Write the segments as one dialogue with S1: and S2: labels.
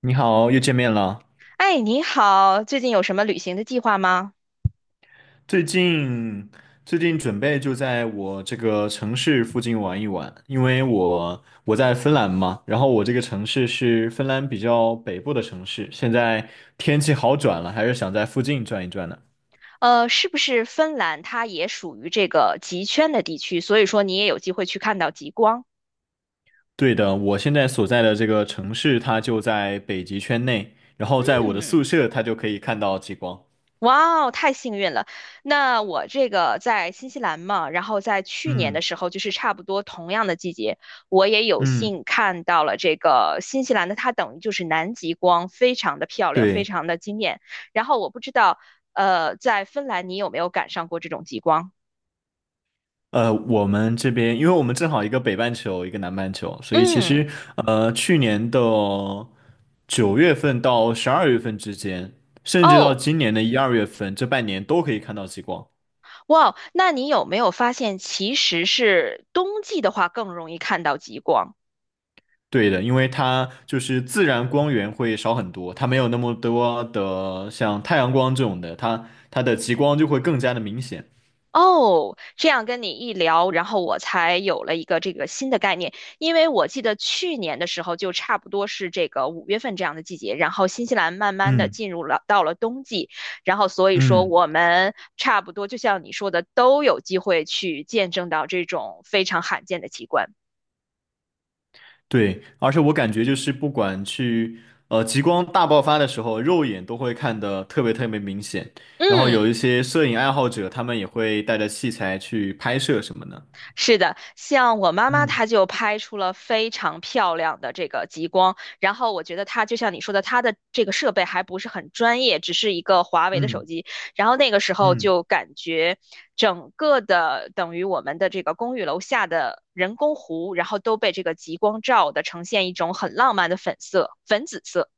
S1: 你好，又见面了。
S2: 哎，你好，最近有什么旅行的计划吗？
S1: 最近最近准备就在我这个城市附近玩一玩，因为我在芬兰嘛，然后我这个城市是芬兰比较北部的城市，现在天气好转了，还是想在附近转一转呢。
S2: 是不是芬兰它也属于这个极圈的地区，所以说你也有机会去看到极光？
S1: 对的，我现在所在的这个城市它就在北极圈内，然后在我的
S2: 嗯，
S1: 宿舍它就可以看到极光。
S2: 哇哦，太幸运了。那我这个在新西兰嘛，然后在去年的
S1: 嗯
S2: 时候，就是差不多同样的季节，我也有
S1: 嗯，
S2: 幸看到了这个新西兰的，它等于就是南极光，非常的漂亮，非
S1: 对。
S2: 常的惊艳。然后我不知道，在芬兰你有没有赶上过这种极光？
S1: 我们这边，因为我们正好一个北半球，一个南半球，所以其
S2: 嗯。
S1: 实去年的9月份到12月份之间，甚至到
S2: 哦，
S1: 今年的1、2月份，这半年都可以看到极光。
S2: 哇，那你有没有发现，其实是冬季的话更容易看到极光？
S1: 对的，因为它就是自然光源会少很多，它没有那么多的像太阳光这种的，它的极光就会更加的明显。
S2: 哦，这样跟你一聊，然后我才有了一个这个新的概念。因为我记得去年的时候，就差不多是这个五月份这样的季节，然后新西兰慢慢的
S1: 嗯
S2: 进入了到了冬季，然后所以说
S1: 嗯。
S2: 我们差不多就像你说的，都有机会去见证到这种非常罕见的奇观。
S1: 对，而且我感觉就是不管去呃极光大爆发的时候，肉眼都会看得特别特别明显。然后有
S2: 嗯。
S1: 一些摄影爱好者，他们也会带着器材去拍摄什么的。
S2: 是的，像我妈妈，
S1: 嗯
S2: 她就拍出了非常漂亮的这个极光。然后我觉得她就像你说的，她的这个设备还不是很专业，只是一个华为的手
S1: 嗯
S2: 机。然后那个时候
S1: 嗯，
S2: 就感觉整个的等于我们的这个公寓楼下的人工湖，然后都被这个极光照的呈现一种很浪漫的粉色、粉紫色。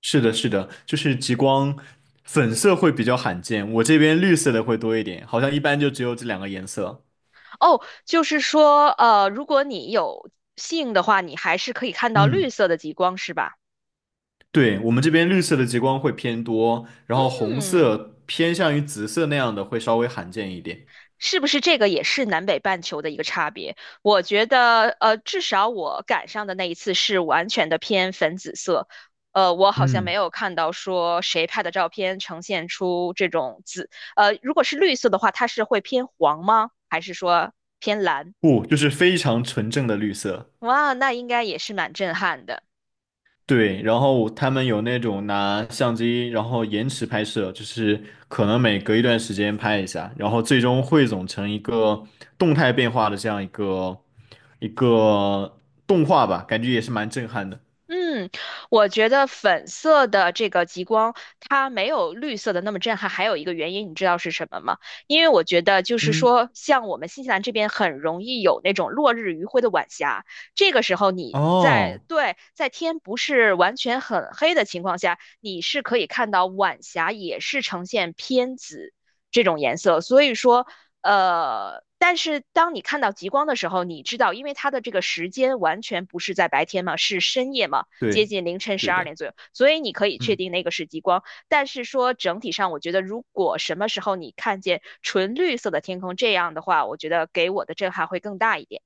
S1: 是的，是的，就是极光粉色会比较罕见，我这边绿色的会多一点，好像一般就只有这两个颜色。
S2: 哦，就是说，如果你有幸的话，你还是可以看到绿
S1: 嗯，
S2: 色的极光，是吧？
S1: 对，我们这边绿色的极光会偏多，然后红
S2: 嗯。
S1: 色偏向于紫色那样的会稍微罕见一点。
S2: 是不是这个也是南北半球的一个差别？我觉得，至少我赶上的那一次是完全的偏粉紫色，我好像没
S1: 嗯。
S2: 有看到说谁拍的照片呈现出这种紫，如果是绿色的话，它是会偏黄吗？还是说偏蓝？
S1: 不，就是非常纯正的绿色。
S2: 哇，那应该也是蛮震撼的。
S1: 对，然后他们有那种拿相机，然后延迟拍摄，就是可能每隔一段时间拍一下，然后最终汇总成一个动态变化的这样一个动画吧，感觉也是蛮震撼的。
S2: 嗯，我觉得粉色的这个极光，它没有绿色的那么震撼。还有一个原因，你知道是什么吗？因为我觉得就是
S1: 嗯，
S2: 说，像我们新西兰这边很容易有那种落日余晖的晚霞，这个时候你在，
S1: 哦，
S2: 对，在天不是完全很黑的情况下，你是可以看到晚霞也是呈现偏紫这种颜色。所以说，但是当你看到极光的时候，你知道，因为它的这个时间完全不是在白天嘛，是深夜嘛，接
S1: 对，
S2: 近凌晨十
S1: 对
S2: 二点
S1: 的。
S2: 左右，所以你可以确
S1: 嗯。
S2: 定那个是极光。但是说整体上，我觉得如果什么时候你看见纯绿色的天空这样的话，我觉得给我的震撼会更大一点。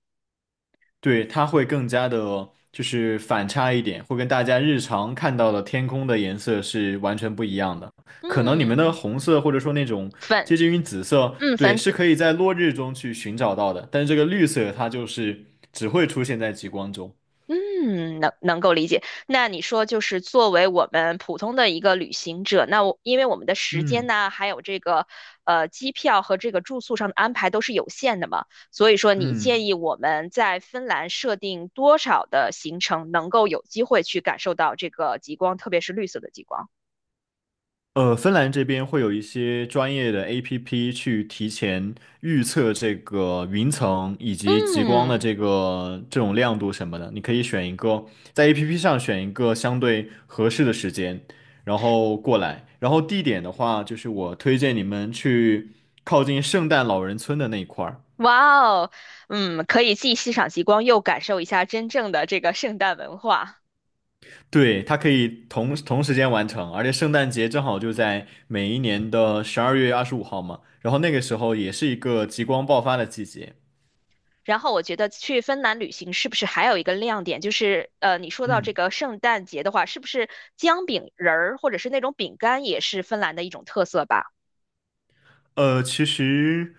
S1: 对，它会更加的，就是反差一点，会跟大家日常看到的天空的颜色是完全不一样的。可能你们的
S2: 嗯，
S1: 红色或者说那种
S2: 粉，
S1: 接近于紫色，
S2: 嗯，
S1: 对，
S2: 粉
S1: 是
S2: 紫。
S1: 可以在落日中去寻找到的，但是这个绿色它就是只会出现在极光中。
S2: 嗯，能够理解。那你说，就是作为我们普通的一个旅行者，那我因为我们的时间
S1: 嗯
S2: 呢，还有这个机票和这个住宿上的安排都是有限的嘛，所以说你
S1: 嗯，
S2: 建议我们在芬兰设定多少的行程，能够有机会去感受到这个极光，特别是绿色的极光？
S1: 芬兰这边会有一些专业的 APP 去提前预测这个云层以及极光的
S2: 嗯，
S1: 这个这种亮度什么的，你可以选一个在 APP 上选一个相对合适的时间，然后过来。然后地点的话，就是我推荐你们去靠近圣诞老人村的那一块儿，
S2: 哇哦，嗯，可以既欣赏极光，又感受一下真正的这个圣诞文化。
S1: 对，它可以同时间完成，而且圣诞节正好就在每一年的12月25号嘛，然后那个时候也是一个极光爆发的季节。
S2: 然后我觉得去芬兰旅行是不是还有一个亮点，就是你说到这
S1: 嗯，
S2: 个圣诞节的话，是不是姜饼人儿或者是那种饼干也是芬兰的一种特色吧？
S1: 其实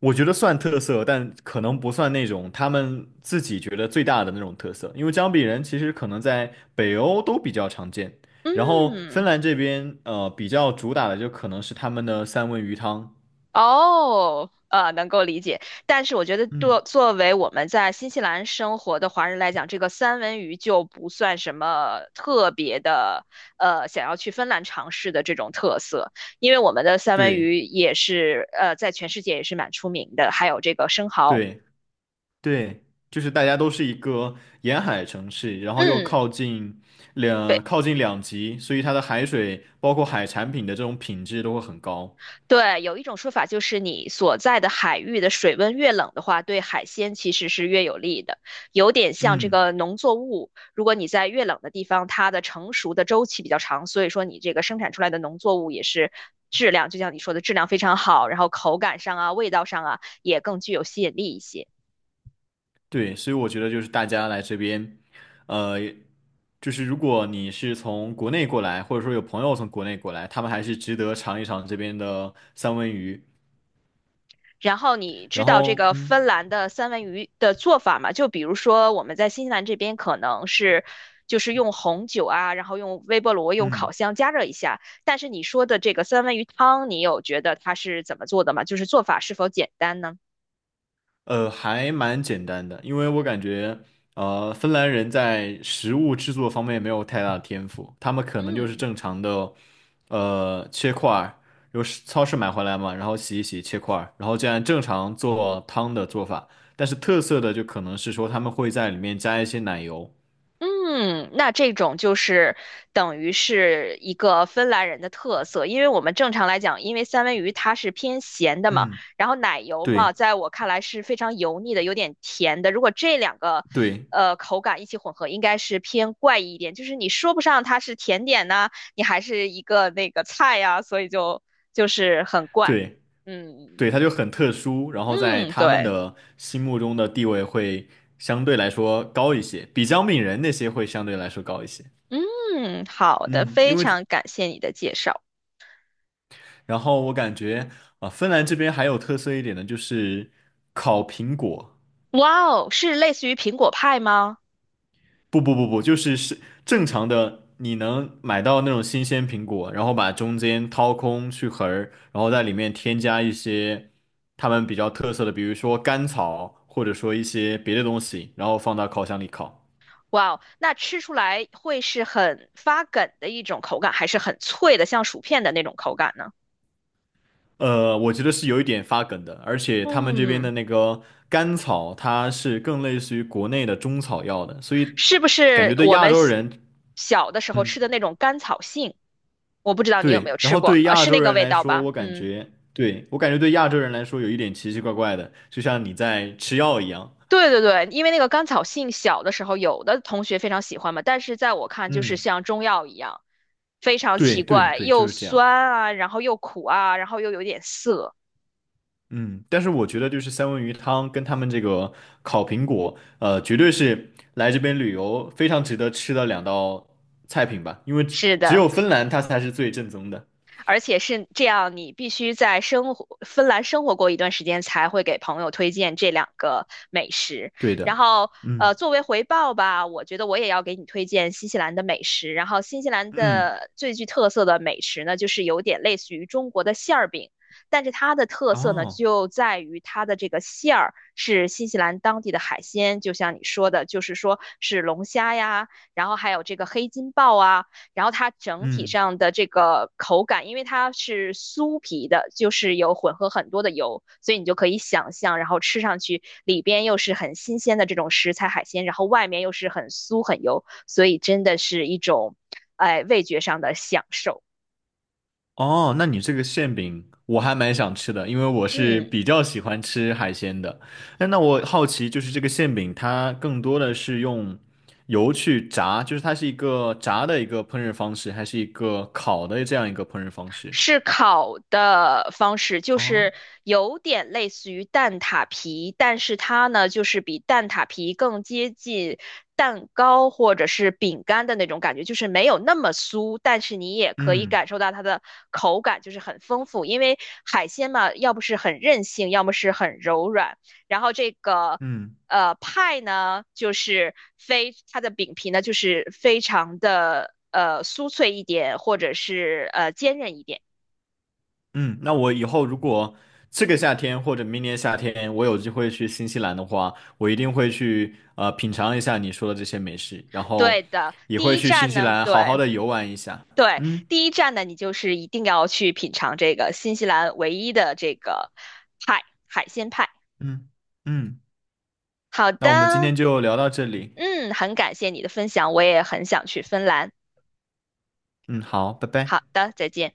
S1: 我觉得算特色，但可能不算那种他们自己觉得最大的那种特色，因为姜饼人其实可能在北欧都比较常见，然后芬
S2: 嗯，
S1: 兰这边比较主打的就可能是他们的三文鱼汤。
S2: 哦，能够理解。但是我觉得作
S1: 嗯，
S2: 作为我们在新西兰生活的华人来讲，这个三文鱼就不算什么特别的，想要去芬兰尝试的这种特色，因为我们的三文
S1: 对
S2: 鱼也是在全世界也是蛮出名的，还有这个生蚝。
S1: 对对，就是大家都是一个沿海城市，然后又
S2: 嗯。
S1: 靠近
S2: 对，
S1: 两极，所以它的海水包括海产品的这种品质都会很高。
S2: 对，有一种说法就是你所在的海域的水温越冷的话，对海鲜其实是越有利的，有点像这
S1: 嗯。
S2: 个农作物，如果你在越冷的地方，它的成熟的周期比较长，所以说你这个生产出来的农作物也是质量，就像你说的质量非常好，然后口感上啊、味道上啊也更具有吸引力一些。
S1: 对，所以我觉得就是大家来这边，呃，就是如果你是从国内过来，或者说有朋友从国内过来，他们还是值得尝一尝这边的三文鱼。
S2: 然后你知
S1: 然
S2: 道这
S1: 后，
S2: 个
S1: 嗯
S2: 芬兰的三文鱼的做法吗？就比如说我们在新西兰这边可能是就是用红酒啊，然后用微波炉、用烤
S1: 嗯。
S2: 箱加热一下。但是你说的这个三文鱼汤，你有觉得它是怎么做的吗？就是做法是否简单呢？
S1: 还蛮简单的，因为我感觉，芬兰人在食物制作方面没有太大的天赋，他们可能就是
S2: 嗯。
S1: 正常的，切块儿，由市超市买回来嘛，然后洗一洗切块儿，然后这样正常做汤的做法。但是特色的就可能是说他们会在里面加一些奶油。
S2: 嗯，那这种就是等于是一个芬兰人的特色，因为我们正常来讲，因为三文鱼它是偏咸的嘛，
S1: 嗯，
S2: 然后奶油嘛，
S1: 对
S2: 在我看来是非常油腻的，有点甜的。如果这两个
S1: 对
S2: 口感一起混合，应该是偏怪异一点，就是你说不上它是甜点呐、你还是一个那个菜呀、所以就是很怪。
S1: 对
S2: 嗯
S1: 对，它就很特殊，然后在
S2: 嗯，
S1: 他们
S2: 对，
S1: 的心目中的地位会相对来说高一些，比姜饼人那些会相对来说高一些。
S2: 嗯，好的，
S1: 嗯，
S2: 非常感谢你的介绍。
S1: 然后我感觉啊，芬兰这边还有特色一点的就是烤苹果，
S2: 哇哦，是类似于苹果派吗？
S1: 不不不不，就是正常的，你能买到那种新鲜苹果，然后把中间掏空去核儿，然后在里面添加一些他们比较特色的，比如说甘草，或者说一些别的东西，然后放到烤箱里烤。
S2: 哇哦，那吃出来会是很发梗的一种口感，还是很脆的，像薯片的那种口感呢？
S1: 呃，我觉得是有一点发梗的，而且他们这边
S2: 嗯，
S1: 的那个甘草，它是更类似于国内的中草药的，所以
S2: 是不
S1: 感
S2: 是
S1: 觉对
S2: 我
S1: 亚
S2: 们
S1: 洲
S2: 小
S1: 人，
S2: 小的时候
S1: 嗯，
S2: 吃的那种甘草杏？我不知道你有没
S1: 对，
S2: 有
S1: 然
S2: 吃
S1: 后
S2: 过，
S1: 对亚
S2: 是
S1: 洲
S2: 那个
S1: 人
S2: 味
S1: 来
S2: 道
S1: 说，
S2: 吧？
S1: 我感
S2: 嗯，
S1: 觉，对，我感觉对亚洲人来说有一点奇奇怪怪的，就像你在吃药一样，
S2: 对对对，因为那个甘草杏小的时候有的同学非常喜欢嘛，但是在我看就是
S1: 嗯，
S2: 像中药一样，非常
S1: 对
S2: 奇
S1: 对
S2: 怪，
S1: 对，就
S2: 又
S1: 是这样。
S2: 酸啊，然后又苦啊，然后又有点涩。
S1: 嗯，但是我觉得就是三文鱼汤跟他们这个烤苹果，呃，绝对是来这边旅游非常值得吃的两道菜品吧，因为只
S2: 是
S1: 只
S2: 的。
S1: 有芬兰它才是最正宗的。
S2: 而且是这样，你必须在芬兰生活过一段时间，才会给朋友推荐这两个美食。
S1: 对的，
S2: 然后，
S1: 嗯
S2: 作为回报吧，我觉得我也要给你推荐新西兰的美食。然后，新西兰
S1: 嗯，
S2: 的最具特色的美食呢，就是有点类似于中国的馅儿饼，但是它的特色呢，
S1: 哦，
S2: 就在于它的这个馅儿是新西兰当地的海鲜，就像你说的，就是说是龙虾呀，然后还有这个黑金鲍啊。然后它整体
S1: 嗯。
S2: 上的这个口感，因为它是酥皮的，就是有混合很多的油，所以你就可以想象，然后吃上去里边又是很新鲜的这种食材海鲜，然后外面又是很酥很油，所以真的是一种，哎，味觉上的享受。
S1: 哦，那你这个馅饼我还蛮想吃的，因为我是
S2: 嗯。
S1: 比较喜欢吃海鲜的。那我好奇，就是这个馅饼它更多的是用油去炸，就是它是一个炸的一个烹饪方式，还是一个烤的这样一个烹饪方式？
S2: 是烤的方式，就是
S1: 哦，
S2: 有点类似于蛋挞皮，但是它呢，就是比蛋挞皮更接近蛋糕或者是饼干的那种感觉，就是没有那么酥，但是你也可以
S1: 嗯
S2: 感受到它的口感就是很丰富，因为海鲜嘛，要不是很韧性，要么是很柔软，然后这个。
S1: 嗯
S2: 派呢，就是非它的饼皮呢，就是非常的酥脆一点，或者是坚韧一点。
S1: 嗯，那我以后如果这个夏天或者明年夏天我有机会去新西兰的话，我一定会去品尝一下你说的这些美食，然
S2: 对
S1: 后
S2: 的，
S1: 也
S2: 第
S1: 会
S2: 一
S1: 去新
S2: 站
S1: 西
S2: 呢，
S1: 兰好好
S2: 对
S1: 的游玩一下。
S2: 对，
S1: 嗯。
S2: 第一站呢，你就是一定要去品尝这个新西兰唯一的这个派，海鲜派。
S1: 嗯嗯，
S2: 好
S1: 那
S2: 的，
S1: 我们今天就聊到这里。
S2: 嗯，很感谢你的分享，我也很想去芬兰。
S1: 嗯，好，拜
S2: 好
S1: 拜。
S2: 的，再见。